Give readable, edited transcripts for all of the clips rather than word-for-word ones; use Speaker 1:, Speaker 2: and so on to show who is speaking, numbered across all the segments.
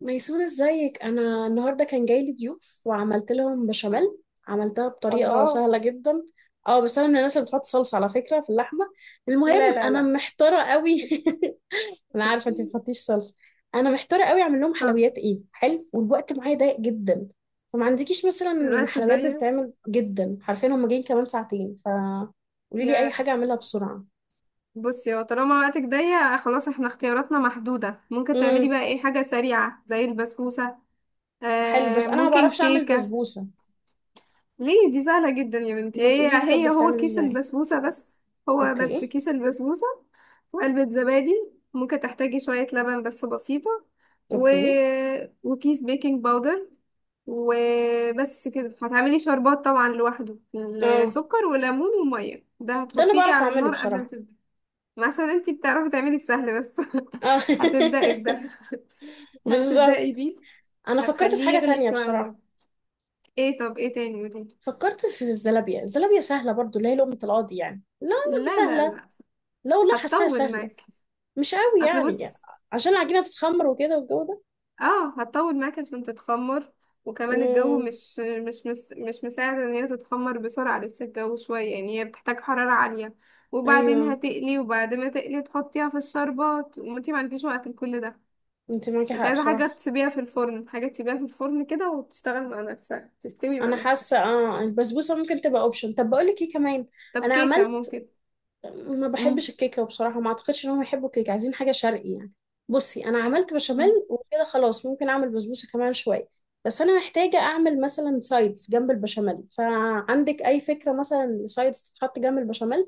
Speaker 1: ميسون ازيك. انا النهارده كان جاي لي ضيوف وعملت لهم بشاميل. عملتها بطريقه
Speaker 2: الله.
Speaker 1: سهله جدا. اه، بس انا من الناس اللي بتحط صلصه على فكره في اللحمه.
Speaker 2: لا
Speaker 1: المهم
Speaker 2: لا
Speaker 1: انا
Speaker 2: لا.
Speaker 1: محتاره قوي. انا عارفه انت ما بتحطيش صلصه. انا محتاره قوي اعمل لهم
Speaker 2: طب
Speaker 1: حلويات ايه، حلو، والوقت معايا ضيق جدا. فما عندكيش مثلا
Speaker 2: الوقت
Speaker 1: حلويات
Speaker 2: ضيق.
Speaker 1: بتتعمل جدا؟ عارفين هم جايين كمان ساعتين. ف قولي لي اي
Speaker 2: يا
Speaker 1: حاجه اعملها بسرعه.
Speaker 2: بصي، هو طالما وقتك ضيق خلاص احنا اختياراتنا محدودة. ممكن تعملي
Speaker 1: امم
Speaker 2: بقى ايه حاجة سريعة زي البسبوسة.
Speaker 1: حلو، بس
Speaker 2: آه،
Speaker 1: انا ما
Speaker 2: ممكن
Speaker 1: بعرفش اعمل
Speaker 2: كيكة.
Speaker 1: بسبوسه.
Speaker 2: ليه؟ دي سهلة جدا يا بنتي،
Speaker 1: ما
Speaker 2: هي
Speaker 1: تقولي لي طب
Speaker 2: هي هو
Speaker 1: بتتعمل
Speaker 2: كيس
Speaker 1: ازاي؟
Speaker 2: البسبوسة بس. هو بس
Speaker 1: اوكي.
Speaker 2: كيس البسبوسة وعلبة زبادي. ممكن تحتاجي شوية لبن بس بسيطة. و...
Speaker 1: اوكي.
Speaker 2: وكيس بيكنج باودر وبس كده. هتعملي شربات طبعا لوحده،
Speaker 1: اه،
Speaker 2: السكر وليمون ومية، ده
Speaker 1: ده انا
Speaker 2: هتحطيه
Speaker 1: بعرف
Speaker 2: على
Speaker 1: اعمله
Speaker 2: النار قبل ما
Speaker 1: بصراحة.
Speaker 2: تبدأي. ما عشان انتي بتعرفي تعملي السهل بس.
Speaker 1: اه
Speaker 2: هتبدأي بده، هتبدأي
Speaker 1: بالظبط.
Speaker 2: بيه،
Speaker 1: انا فكرت في
Speaker 2: هتخليه
Speaker 1: حاجة
Speaker 2: يغلي
Speaker 1: تانية
Speaker 2: شوية على النار.
Speaker 1: بصراحة.
Speaker 2: ايه؟ طب ايه تاني؟ قوليلي.
Speaker 1: فكرت في الزلابية، الزلابية سهلة برضو اللي هي لقمة القاضي، يعني لا
Speaker 2: لا لا
Speaker 1: سهلة.
Speaker 2: لا،
Speaker 1: لو لا، حاساها
Speaker 2: هتطول
Speaker 1: سهلة
Speaker 2: معاك.
Speaker 1: مش قوي
Speaker 2: اصل
Speaker 1: يعني،
Speaker 2: بص،
Speaker 1: عشان العجينة تتخمر وكده والجو ده.
Speaker 2: اه هتطول معاك عشان تتخمر. وكمان الجو
Speaker 1: امم
Speaker 2: مش مساعد ان هي تتخمر بسرعة، لسه الجو شوية يعني، هي بتحتاج حرارة عالية. وبعدين
Speaker 1: ايوه،
Speaker 2: هتقلي، وبعد ما تقلي تحطيها في الشربات، وانتي ما عندكيش وقت لكل ده.
Speaker 1: انت معاكي
Speaker 2: انت
Speaker 1: حق
Speaker 2: عايزة حاجة
Speaker 1: بصراحة.
Speaker 2: تسيبيها في الفرن، حاجة تسيبيها في الفرن كده وتشتغل مع نفسها، تستوي مع
Speaker 1: انا
Speaker 2: نفسها.
Speaker 1: حاسة اه البسبوسة ممكن تبقى اوبشن. طب بقول لك ايه كمان،
Speaker 2: طب
Speaker 1: انا
Speaker 2: كيكة
Speaker 1: عملت،
Speaker 2: ممكن.
Speaker 1: ما بحبش الكيكه بصراحه، ما اعتقدش ان هم يحبوا الكيكه، عايزين حاجه شرقي يعني. بصي انا عملت بشاميل
Speaker 2: مم.
Speaker 1: وكده خلاص، ممكن اعمل بسبوسه كمان شويه، بس انا محتاجه اعمل مثلا سايدز جنب البشاميل. فعندك اي فكره مثلا سايدز تتحط جنب البشاميل؟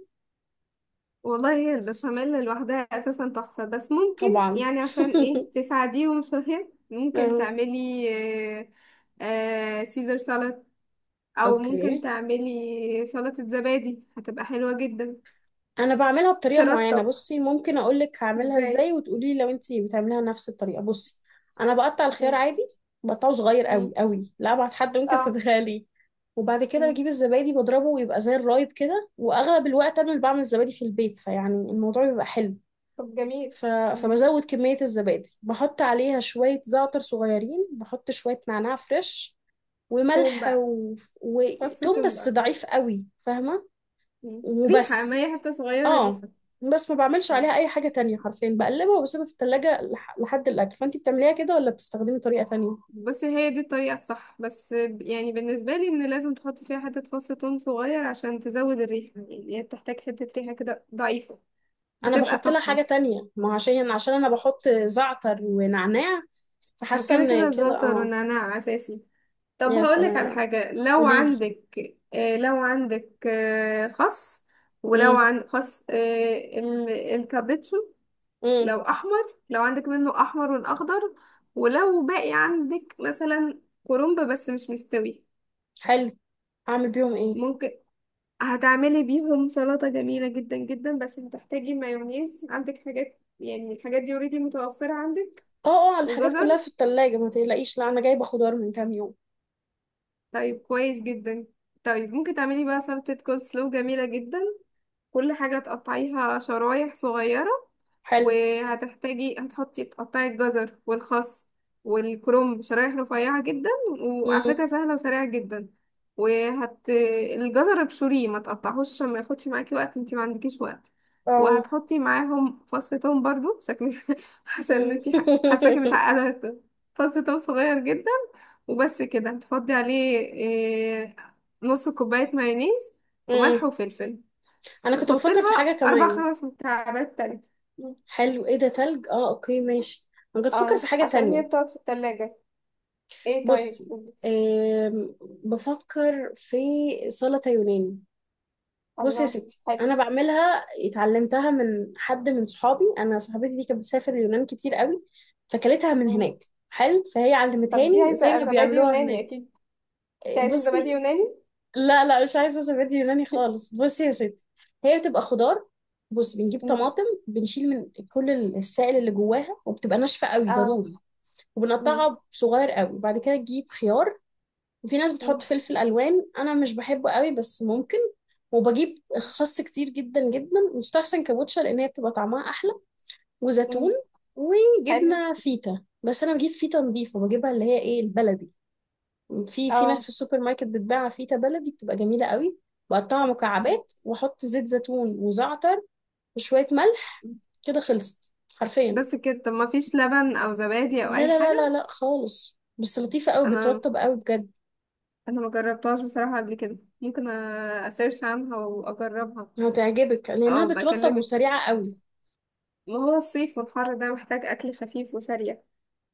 Speaker 2: والله هي البشاميل لوحدها اساسا تحفة، بس ممكن
Speaker 1: طبعا.
Speaker 2: يعني عشان ايه تساعديهم شوية ممكن
Speaker 1: آه،
Speaker 2: تعملي آه، آه، سيزر سالاد. او ممكن
Speaker 1: اوكي.
Speaker 2: تعملي سلطة زبادي، هتبقى حلوة جدا.
Speaker 1: انا بعملها بطريقه معينه،
Speaker 2: ترطب.
Speaker 1: بصي ممكن اقول لك هعملها
Speaker 2: ازاي؟
Speaker 1: ازاي وتقولي لي لو انت بتعمليها نفس الطريقه. بصي انا بقطع الخيار
Speaker 2: مم.
Speaker 1: عادي، بقطعه صغير
Speaker 2: مم.
Speaker 1: قوي قوي، لا ابعد حد ممكن
Speaker 2: اه.
Speaker 1: تتخيليه. وبعد كده
Speaker 2: مم.
Speaker 1: بجيب الزبادي بضربه ويبقى زي الرايب كده، واغلب الوقت انا اللي بعمل الزبادي في البيت، فيعني الموضوع بيبقى حلو.
Speaker 2: طب جميل.
Speaker 1: ف...
Speaker 2: مم.
Speaker 1: فبزود كميه الزبادي، بحط عليها شويه زعتر صغيرين، بحط شويه نعناع فريش
Speaker 2: توم
Speaker 1: وملح
Speaker 2: بقى.
Speaker 1: و...
Speaker 2: فص
Speaker 1: وتوم
Speaker 2: توم
Speaker 1: بس
Speaker 2: بقى.
Speaker 1: ضعيف قوي، فاهمه؟
Speaker 2: مم. ريحة،
Speaker 1: وبس.
Speaker 2: ما هي حتة صغيرة
Speaker 1: اه،
Speaker 2: ريحة.
Speaker 1: بس ما بعملش عليها اي حاجة تانية حرفيا، بقلبها وبسيبها في التلاجة لحد الاكل. فانتي بتعمليها كده ولا بتستخدمي طريقة تانية؟
Speaker 2: بس هي دي الطريقة الصح بس، يعني بالنسبة لي ان لازم تحط فيها حتة فص ثوم صغير عشان تزود الريحة، يعني هي بتحتاج حتة ريحة كده ضعيفة،
Speaker 1: انا
Speaker 2: بتبقى
Speaker 1: بحط لها
Speaker 2: تحفة.
Speaker 1: حاجة تانية، ما هو عشان انا بحط زعتر ونعناع،
Speaker 2: ما
Speaker 1: فحاسة
Speaker 2: كده كده
Speaker 1: ان كده
Speaker 2: الزعتر
Speaker 1: اه.
Speaker 2: والنعناع اساسي. طب
Speaker 1: يا
Speaker 2: هقولك على
Speaker 1: سلام،
Speaker 2: حاجة لو
Speaker 1: قوليلي.
Speaker 2: عندك آه. لو عندك آه خس، ولو
Speaker 1: امم
Speaker 2: عندك خس آه الكابتشو،
Speaker 1: امم
Speaker 2: لو احمر، لو عندك منه احمر والاخضر، ولو باقي عندك مثلا كرنب بس مش مستوي،
Speaker 1: حلو، اعمل بيهم ايه؟
Speaker 2: ممكن هتعملي بيهم سلطة جميلة جدا جدا. بس هتحتاجي مايونيز. عندك حاجات يعني، الحاجات دي اوريدي متوفرة عندك؟
Speaker 1: اه اه، الحاجات كلها
Speaker 2: وجزر؟
Speaker 1: في التلاجة ما تقلقيش، لا انا جايبة خضار من كام يوم.
Speaker 2: طيب كويس جدا. طيب ممكن تعملي بقى سلطة كول سلو جميلة جدا. كل حاجة تقطعيها شرايح صغيرة.
Speaker 1: حلو.
Speaker 2: وهتحتاجي، هتحطي، تقطعي الجزر والخس والكرنب شرايح رفيعة جدا. وعلى فكرة
Speaker 1: امم
Speaker 2: سهلة وسريعة جدا. وهت، الجزر ابشريه ما تقطعهوش عشان ما ياخدش معاكي وقت، انتي ما عندكيش وقت.
Speaker 1: اه.
Speaker 2: وهتحطي معاهم فص توم برضو شكلك. عشان
Speaker 1: مم.
Speaker 2: انتي حاساكي متعقدة. فص توم صغير جدا. وبس كده. هتفضي عليه إيه، نص كوباية مايونيز وملح
Speaker 1: مم.
Speaker 2: وفلفل.
Speaker 1: انا كنت
Speaker 2: وحط
Speaker 1: بفكر في حاجة
Speaker 2: لها اربع
Speaker 1: كمان.
Speaker 2: خمس مكعبات تلج. مم.
Speaker 1: حلو، ايه ده، تلج؟ اه اوكي ماشي. انا كنت بفكر
Speaker 2: اه
Speaker 1: في حاجة
Speaker 2: عشان هي
Speaker 1: تانية.
Speaker 2: بتقعد في التلاجة. ايه؟ طيب.
Speaker 1: بصي،
Speaker 2: مم.
Speaker 1: آم، بفكر في سلطة يوناني. بصي يا
Speaker 2: الله،
Speaker 1: ستي،
Speaker 2: حلو.
Speaker 1: انا بعملها اتعلمتها من حد من صحابي. انا صاحبتي دي كانت بتسافر اليونان كتير قوي فكلتها من
Speaker 2: مم.
Speaker 1: هناك. حلو، فهي
Speaker 2: طب دي
Speaker 1: علمتهاني زي ما
Speaker 2: عايزة زبادي
Speaker 1: بيعملوها
Speaker 2: يوناني
Speaker 1: هناك.
Speaker 2: اكيد، دي عايزة زبادي
Speaker 1: بصي
Speaker 2: يوناني.
Speaker 1: لا لا، مش عايزه سبات يوناني خالص. بصي يا ستي، هي بتبقى خضار. بص بنجيب
Speaker 2: مم.
Speaker 1: طماطم، بنشيل من كل السائل اللي جواها وبتبقى ناشفه قوي
Speaker 2: اه.
Speaker 1: ضروري.
Speaker 2: مم.
Speaker 1: وبنقطعها صغير قوي، وبعد كده تجيب خيار. وفي ناس بتحط
Speaker 2: مم.
Speaker 1: فلفل الوان، انا مش بحبه قوي بس ممكن. وبجيب خس كتير جدا جدا، مستحسن كابوتشا لان هي بتبقى طعمها احلى. وزيتون،
Speaker 2: مم. حلو.
Speaker 1: وجبنه فيتا، بس انا بجيب فيتا نظيفه بجيبها اللي هي ايه البلدي. في في ناس
Speaker 2: اه.
Speaker 1: في السوبر ماركت بتباع فيتا بلدي بتبقى جميله قوي. بقطعها
Speaker 2: مم.
Speaker 1: مكعبات واحط زيت زيتون وزعتر وشويه ملح.
Speaker 2: مم.
Speaker 1: كده خلصت حرفيا.
Speaker 2: بس كده؟ طب ما فيش لبن او زبادي او
Speaker 1: لا
Speaker 2: اي
Speaker 1: لا لا لا
Speaker 2: حاجة؟
Speaker 1: لا، خالص. بس لطيفه قوي،
Speaker 2: انا
Speaker 1: بترطب قوي بجد.
Speaker 2: انا ما جربتهاش بصراحة قبل كده. ممكن اسيرش عنها واجربها.
Speaker 1: هتعجبك لانها
Speaker 2: او
Speaker 1: بترطب
Speaker 2: بكلمك.
Speaker 1: وسريعه قوي.
Speaker 2: ما هو الصيف والحر ده محتاج اكل خفيف وسريع.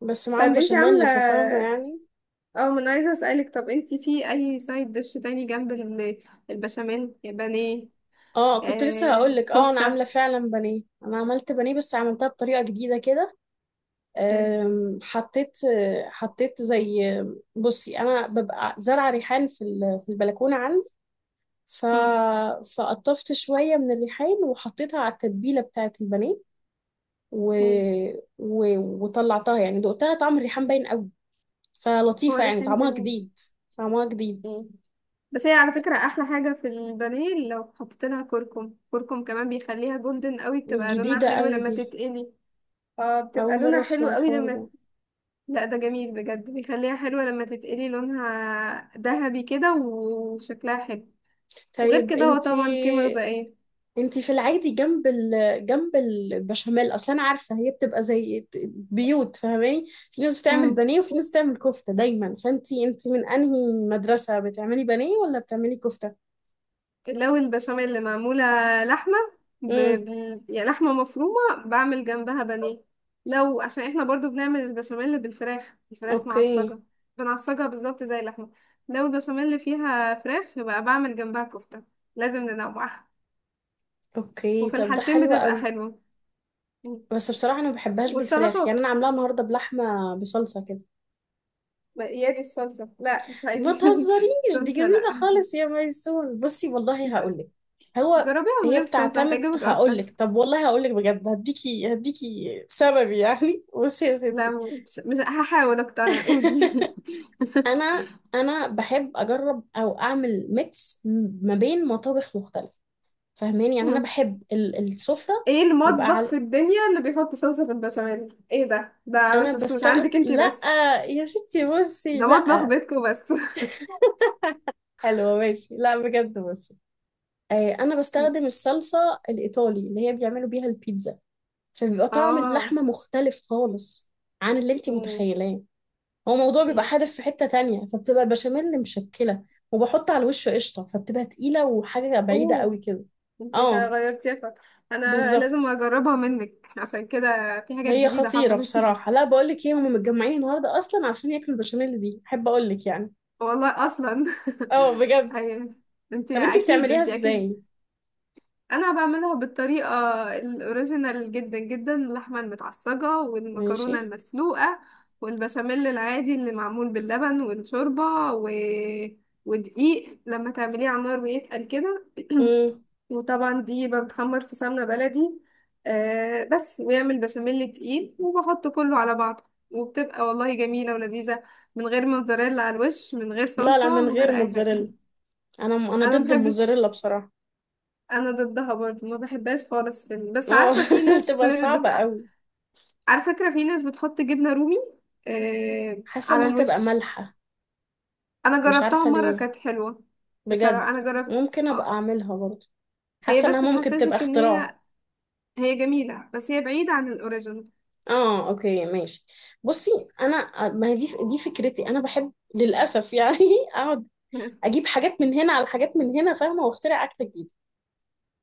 Speaker 1: بس
Speaker 2: طيب
Speaker 1: معاهم
Speaker 2: انتي عاملة،
Speaker 1: بشاميل ففاهمه يعني.
Speaker 2: اه ما انا عايزة اسألك، طب انتي في اي سايد ديش تاني جنب البشاميل؟ بانيه؟
Speaker 1: اه كنت لسه هقول
Speaker 2: آه،
Speaker 1: لك، اه انا عامله
Speaker 2: كفتة.
Speaker 1: فعلا بانيه. انا عملت بانيه بس عملتها بطريقه جديده كده.
Speaker 2: مم.
Speaker 1: حطيت، حطيت زي، بصي انا ببقى زرعه ريحان في في البلكونه عندي. ف
Speaker 2: مم.
Speaker 1: فقطفت شويه من الريحان وحطيتها على التتبيله بتاعه البانيه و...
Speaker 2: مم.
Speaker 1: و... وطلعتها يعني دقتها، طعم الريحان باين قوي،
Speaker 2: هو
Speaker 1: فلطيفه يعني
Speaker 2: ريحان
Speaker 1: طعمها
Speaker 2: جميل.
Speaker 1: جديد. طعمها جديد
Speaker 2: مم. بس هي على فكرة احلى حاجة في البانيه لو حطيت لها كركم، كركم كمان بيخليها جولدن قوي، بتبقى لونها
Speaker 1: جديدة
Speaker 2: حلو
Speaker 1: قوي
Speaker 2: لما
Speaker 1: دي.
Speaker 2: تتقلي. اه
Speaker 1: أول
Speaker 2: بتبقى
Speaker 1: مرة
Speaker 2: لونها حلو
Speaker 1: أسمع
Speaker 2: قوي
Speaker 1: الحوار
Speaker 2: لما،
Speaker 1: ده.
Speaker 2: لا ده جميل بجد، بيخليها حلوة لما تتقلي لونها ذهبي كده وشكلها حلو. وغير
Speaker 1: طيب
Speaker 2: كده هو طبعا قيمة
Speaker 1: انتي،
Speaker 2: غذائية.
Speaker 1: انتي في العادي جنب جنب البشاميل أصلا، أنا عارفة هي بتبقى زي بيوت فاهماني، في ناس بتعمل
Speaker 2: مم.
Speaker 1: بانيه وفي ناس بتعمل كفتة دايما. فانتي، انتي من أنهي مدرسة، بتعملي بانيه ولا بتعملي كفتة؟
Speaker 2: لو البشاميل اللي معمولة لحمة
Speaker 1: امم
Speaker 2: يعني لحمة مفرومة بعمل جنبها بانيه. لو عشان احنا برضو بنعمل البشاميل بالفراخ، الفراخ
Speaker 1: اوكي.
Speaker 2: معصجة، بنعصجها بالظبط زي اللحمة، لو البشاميل اللي فيها فراخ يبقى بعمل جنبها كفتة. لازم ننوعها.
Speaker 1: اوكي
Speaker 2: وفي
Speaker 1: طب ده
Speaker 2: الحالتين
Speaker 1: حلو
Speaker 2: بتبقى
Speaker 1: قوي.
Speaker 2: حلوة.
Speaker 1: بس بصراحة أنا ما بحبهاش بالفراخ يعني، أنا
Speaker 2: والسلطات.
Speaker 1: عاملاها النهاردة بلحمة بصلصة كده.
Speaker 2: يا دي الصلصة، لا مش
Speaker 1: ما
Speaker 2: عايزين
Speaker 1: تهزريش، دي
Speaker 2: صلصة،
Speaker 1: جميلة
Speaker 2: لا.
Speaker 1: خالص يا ميسون. بصي والله
Speaker 2: ج-
Speaker 1: هقولك. هو
Speaker 2: جربيها من
Speaker 1: هي
Speaker 2: غير الصلصة،
Speaker 1: بتعتمد،
Speaker 2: هتعجبك أكتر.
Speaker 1: هقولك طب، والله هقولك بجد، هديكي هديكي سبب يعني. بصي يا
Speaker 2: لا
Speaker 1: ستي.
Speaker 2: مش هحاول أقتنع، قولي.
Speaker 1: انا، انا بحب اجرب او اعمل ميكس ما بين مطابخ مختلفه، فاهماني يعني انا بحب السفره.
Speaker 2: ايه
Speaker 1: يبقى
Speaker 2: المطبخ
Speaker 1: على،
Speaker 2: في الدنيا اللي بيحط صلصة في البشاميل؟ ايه ده؟ ده ما
Speaker 1: انا
Speaker 2: شفتوش
Speaker 1: بستغل،
Speaker 2: عندك انتي
Speaker 1: لا
Speaker 2: بس.
Speaker 1: يا ستي بصي،
Speaker 2: ده مطبخ
Speaker 1: لا.
Speaker 2: بيتكو بس.
Speaker 1: حلوه ماشي، لا بجد بصي، آه، انا بستخدم الصلصه الايطالي اللي هي بيعملوا بيها البيتزا، فبيبقى طعم
Speaker 2: اه.
Speaker 1: اللحمة مختلف خالص عن اللي انتي
Speaker 2: مم.
Speaker 1: متخيلاه. هو الموضوع بيبقى
Speaker 2: مم.
Speaker 1: حادف في حتة تانية، فبتبقى البشاميل مشكلة. وبحط على الوش قشطة فبتبقى تقيلة وحاجة بعيدة قوي
Speaker 2: اوه،
Speaker 1: كده.
Speaker 2: انتي
Speaker 1: اه
Speaker 2: غيرتيها فا. انا لازم
Speaker 1: بالظبط.
Speaker 2: اجربها منك عشان كده، في حاجات
Speaker 1: هي
Speaker 2: جديدة
Speaker 1: خطيرة
Speaker 2: حصلت.
Speaker 1: بصراحة، لا بقولك ايه، هما متجمعين النهاردة اصلا عشان ياكلوا البشاميل دي، احب اقولك يعني.
Speaker 2: والله اصلا.
Speaker 1: اه بجد.
Speaker 2: ايوه
Speaker 1: طب
Speaker 2: انتي
Speaker 1: انتي
Speaker 2: اكيد،
Speaker 1: بتعمليها
Speaker 2: انتي اكيد.
Speaker 1: ازاي؟
Speaker 2: انا بعملها بالطريقه الاوريجينال جدا جدا، اللحمه المتعصجه
Speaker 1: ماشي.
Speaker 2: والمكرونه المسلوقه والبشاميل العادي اللي معمول باللبن والشوربه و... ودقيق لما تعمليه على النار ويتقل كده.
Speaker 1: مم.
Speaker 2: وطبعا دي بتحمر في سمنه بلدي آه، بس ويعمل بشاميل تقيل وبحط كله على بعضه، وبتبقى والله جميله ولذيذه، من غير موتزاريلا على الوش، من غير
Speaker 1: لا لا،
Speaker 2: صلصه،
Speaker 1: من
Speaker 2: من غير
Speaker 1: غير
Speaker 2: اي حاجه.
Speaker 1: موتزاريلا. انا، انا
Speaker 2: انا
Speaker 1: ضد الموتزاريلا
Speaker 2: محبش،
Speaker 1: بصراحة.
Speaker 2: انا ضدها برضه، ما بحبهاش خالص. في بس
Speaker 1: اه
Speaker 2: عارفه في ناس
Speaker 1: بتبقى
Speaker 2: بت...
Speaker 1: صعبة قوي.
Speaker 2: على فكره في ناس بتحط جبنه رومي آه...
Speaker 1: حاسة
Speaker 2: على
Speaker 1: انها تبقى
Speaker 2: الوش.
Speaker 1: مالحة،
Speaker 2: انا
Speaker 1: مش
Speaker 2: جربتها
Speaker 1: عارفة
Speaker 2: مره
Speaker 1: ليه.
Speaker 2: كانت حلوه. بصراحه
Speaker 1: بجد
Speaker 2: انا جربت،
Speaker 1: ممكن ابقى
Speaker 2: اه.
Speaker 1: اعملها برضه.
Speaker 2: هي
Speaker 1: حاسة
Speaker 2: بس
Speaker 1: انها ممكن تبقى
Speaker 2: تحسسك ان
Speaker 1: اختراع.
Speaker 2: هي، هي جميله بس هي بعيده عن الاوريجينال.
Speaker 1: اه اوكي ماشي. بصي، انا ما هي دي، دي فكرتي، انا بحب للاسف يعني اقعد اجيب حاجات من هنا على حاجات من هنا فاهمة، واخترع اكلة جديدة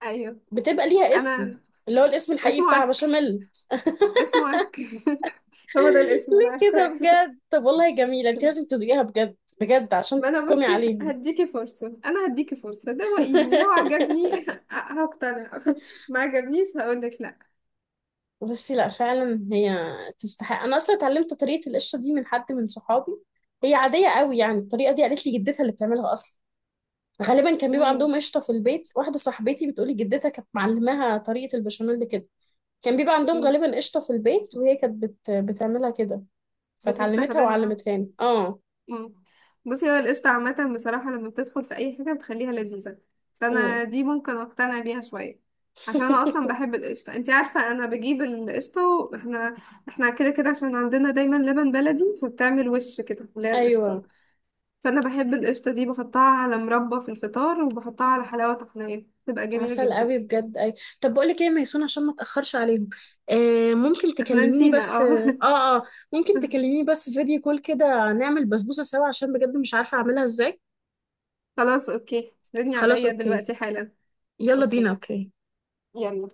Speaker 2: ايوه.
Speaker 1: بتبقى ليها اسم،
Speaker 2: انا
Speaker 1: اللي هو الاسم الحقيقي
Speaker 2: اسمه
Speaker 1: بتاع
Speaker 2: عك،
Speaker 1: بشاميل.
Speaker 2: اسمه عك. هو ده الاسم
Speaker 1: ليه
Speaker 2: انا
Speaker 1: كده
Speaker 2: عارفاه.
Speaker 1: بجد؟ طب والله جميلة، انت لازم تدوقيها بجد بجد عشان
Speaker 2: ما انا
Speaker 1: تحكمي
Speaker 2: بصي
Speaker 1: عليهم.
Speaker 2: هديكي فرصه، انا هديكي فرصه، دوقيني لو عجبني هقتنع، ما عجبنيش هقولك لا.
Speaker 1: بصي، لا فعلا هي تستحق. انا اصلا اتعلمت طريقه القشره دي من حد من صحابي. هي عاديه قوي يعني، الطريقه دي قالت لي جدتها اللي بتعملها اصلا. غالبا كان بيبقى
Speaker 2: ميم.
Speaker 1: عندهم قشطه في البيت، واحده صاحبتي بتقولي جدتها كانت معلماها طريقه البشاميل دي كده. كان بيبقى عندهم
Speaker 2: مم.
Speaker 1: غالبا قشطه في البيت، وهي كانت بتعملها كده. فتعلمتها
Speaker 2: بتستخدمها.
Speaker 1: وعلمتها لي اه.
Speaker 2: مم. بصي هو القشطة عامة بصراحة لما بتدخل في أي حاجة بتخليها لذيذة،
Speaker 1: أمم.
Speaker 2: فأنا دي ممكن أقتنع بيها شوية، عشان أنا أصلا بحب القشطة. انتي عارفة أنا بجيب القشطة، واحنا كده كده عشان عندنا دايما لبن بلدي فبتعمل وش كده اللي هي القشطة.
Speaker 1: ايوه
Speaker 2: فأنا بحب القشطة دي، بحطها على مربى في الفطار وبحطها على حلاوة طحينية، بتبقى جميلة
Speaker 1: عسل
Speaker 2: جدا.
Speaker 1: قوي بجد. اي، طب بقول لك ايه يا ميسون، عشان ما اتاخرش عليهم، آه ممكن
Speaker 2: احنا
Speaker 1: تكلميني
Speaker 2: نسينا،
Speaker 1: بس
Speaker 2: اه.
Speaker 1: اه، اه ممكن تكلميني بس فيديو كول كده نعمل بسبوسه سوا، عشان بجد مش عارفه اعملها ازاي.
Speaker 2: خلاص اوكي، ردني
Speaker 1: خلاص
Speaker 2: عليا
Speaker 1: اوكي.
Speaker 2: دلوقتي حالا.
Speaker 1: يلا بينا
Speaker 2: اوكي،
Speaker 1: اوكي.
Speaker 2: يلا.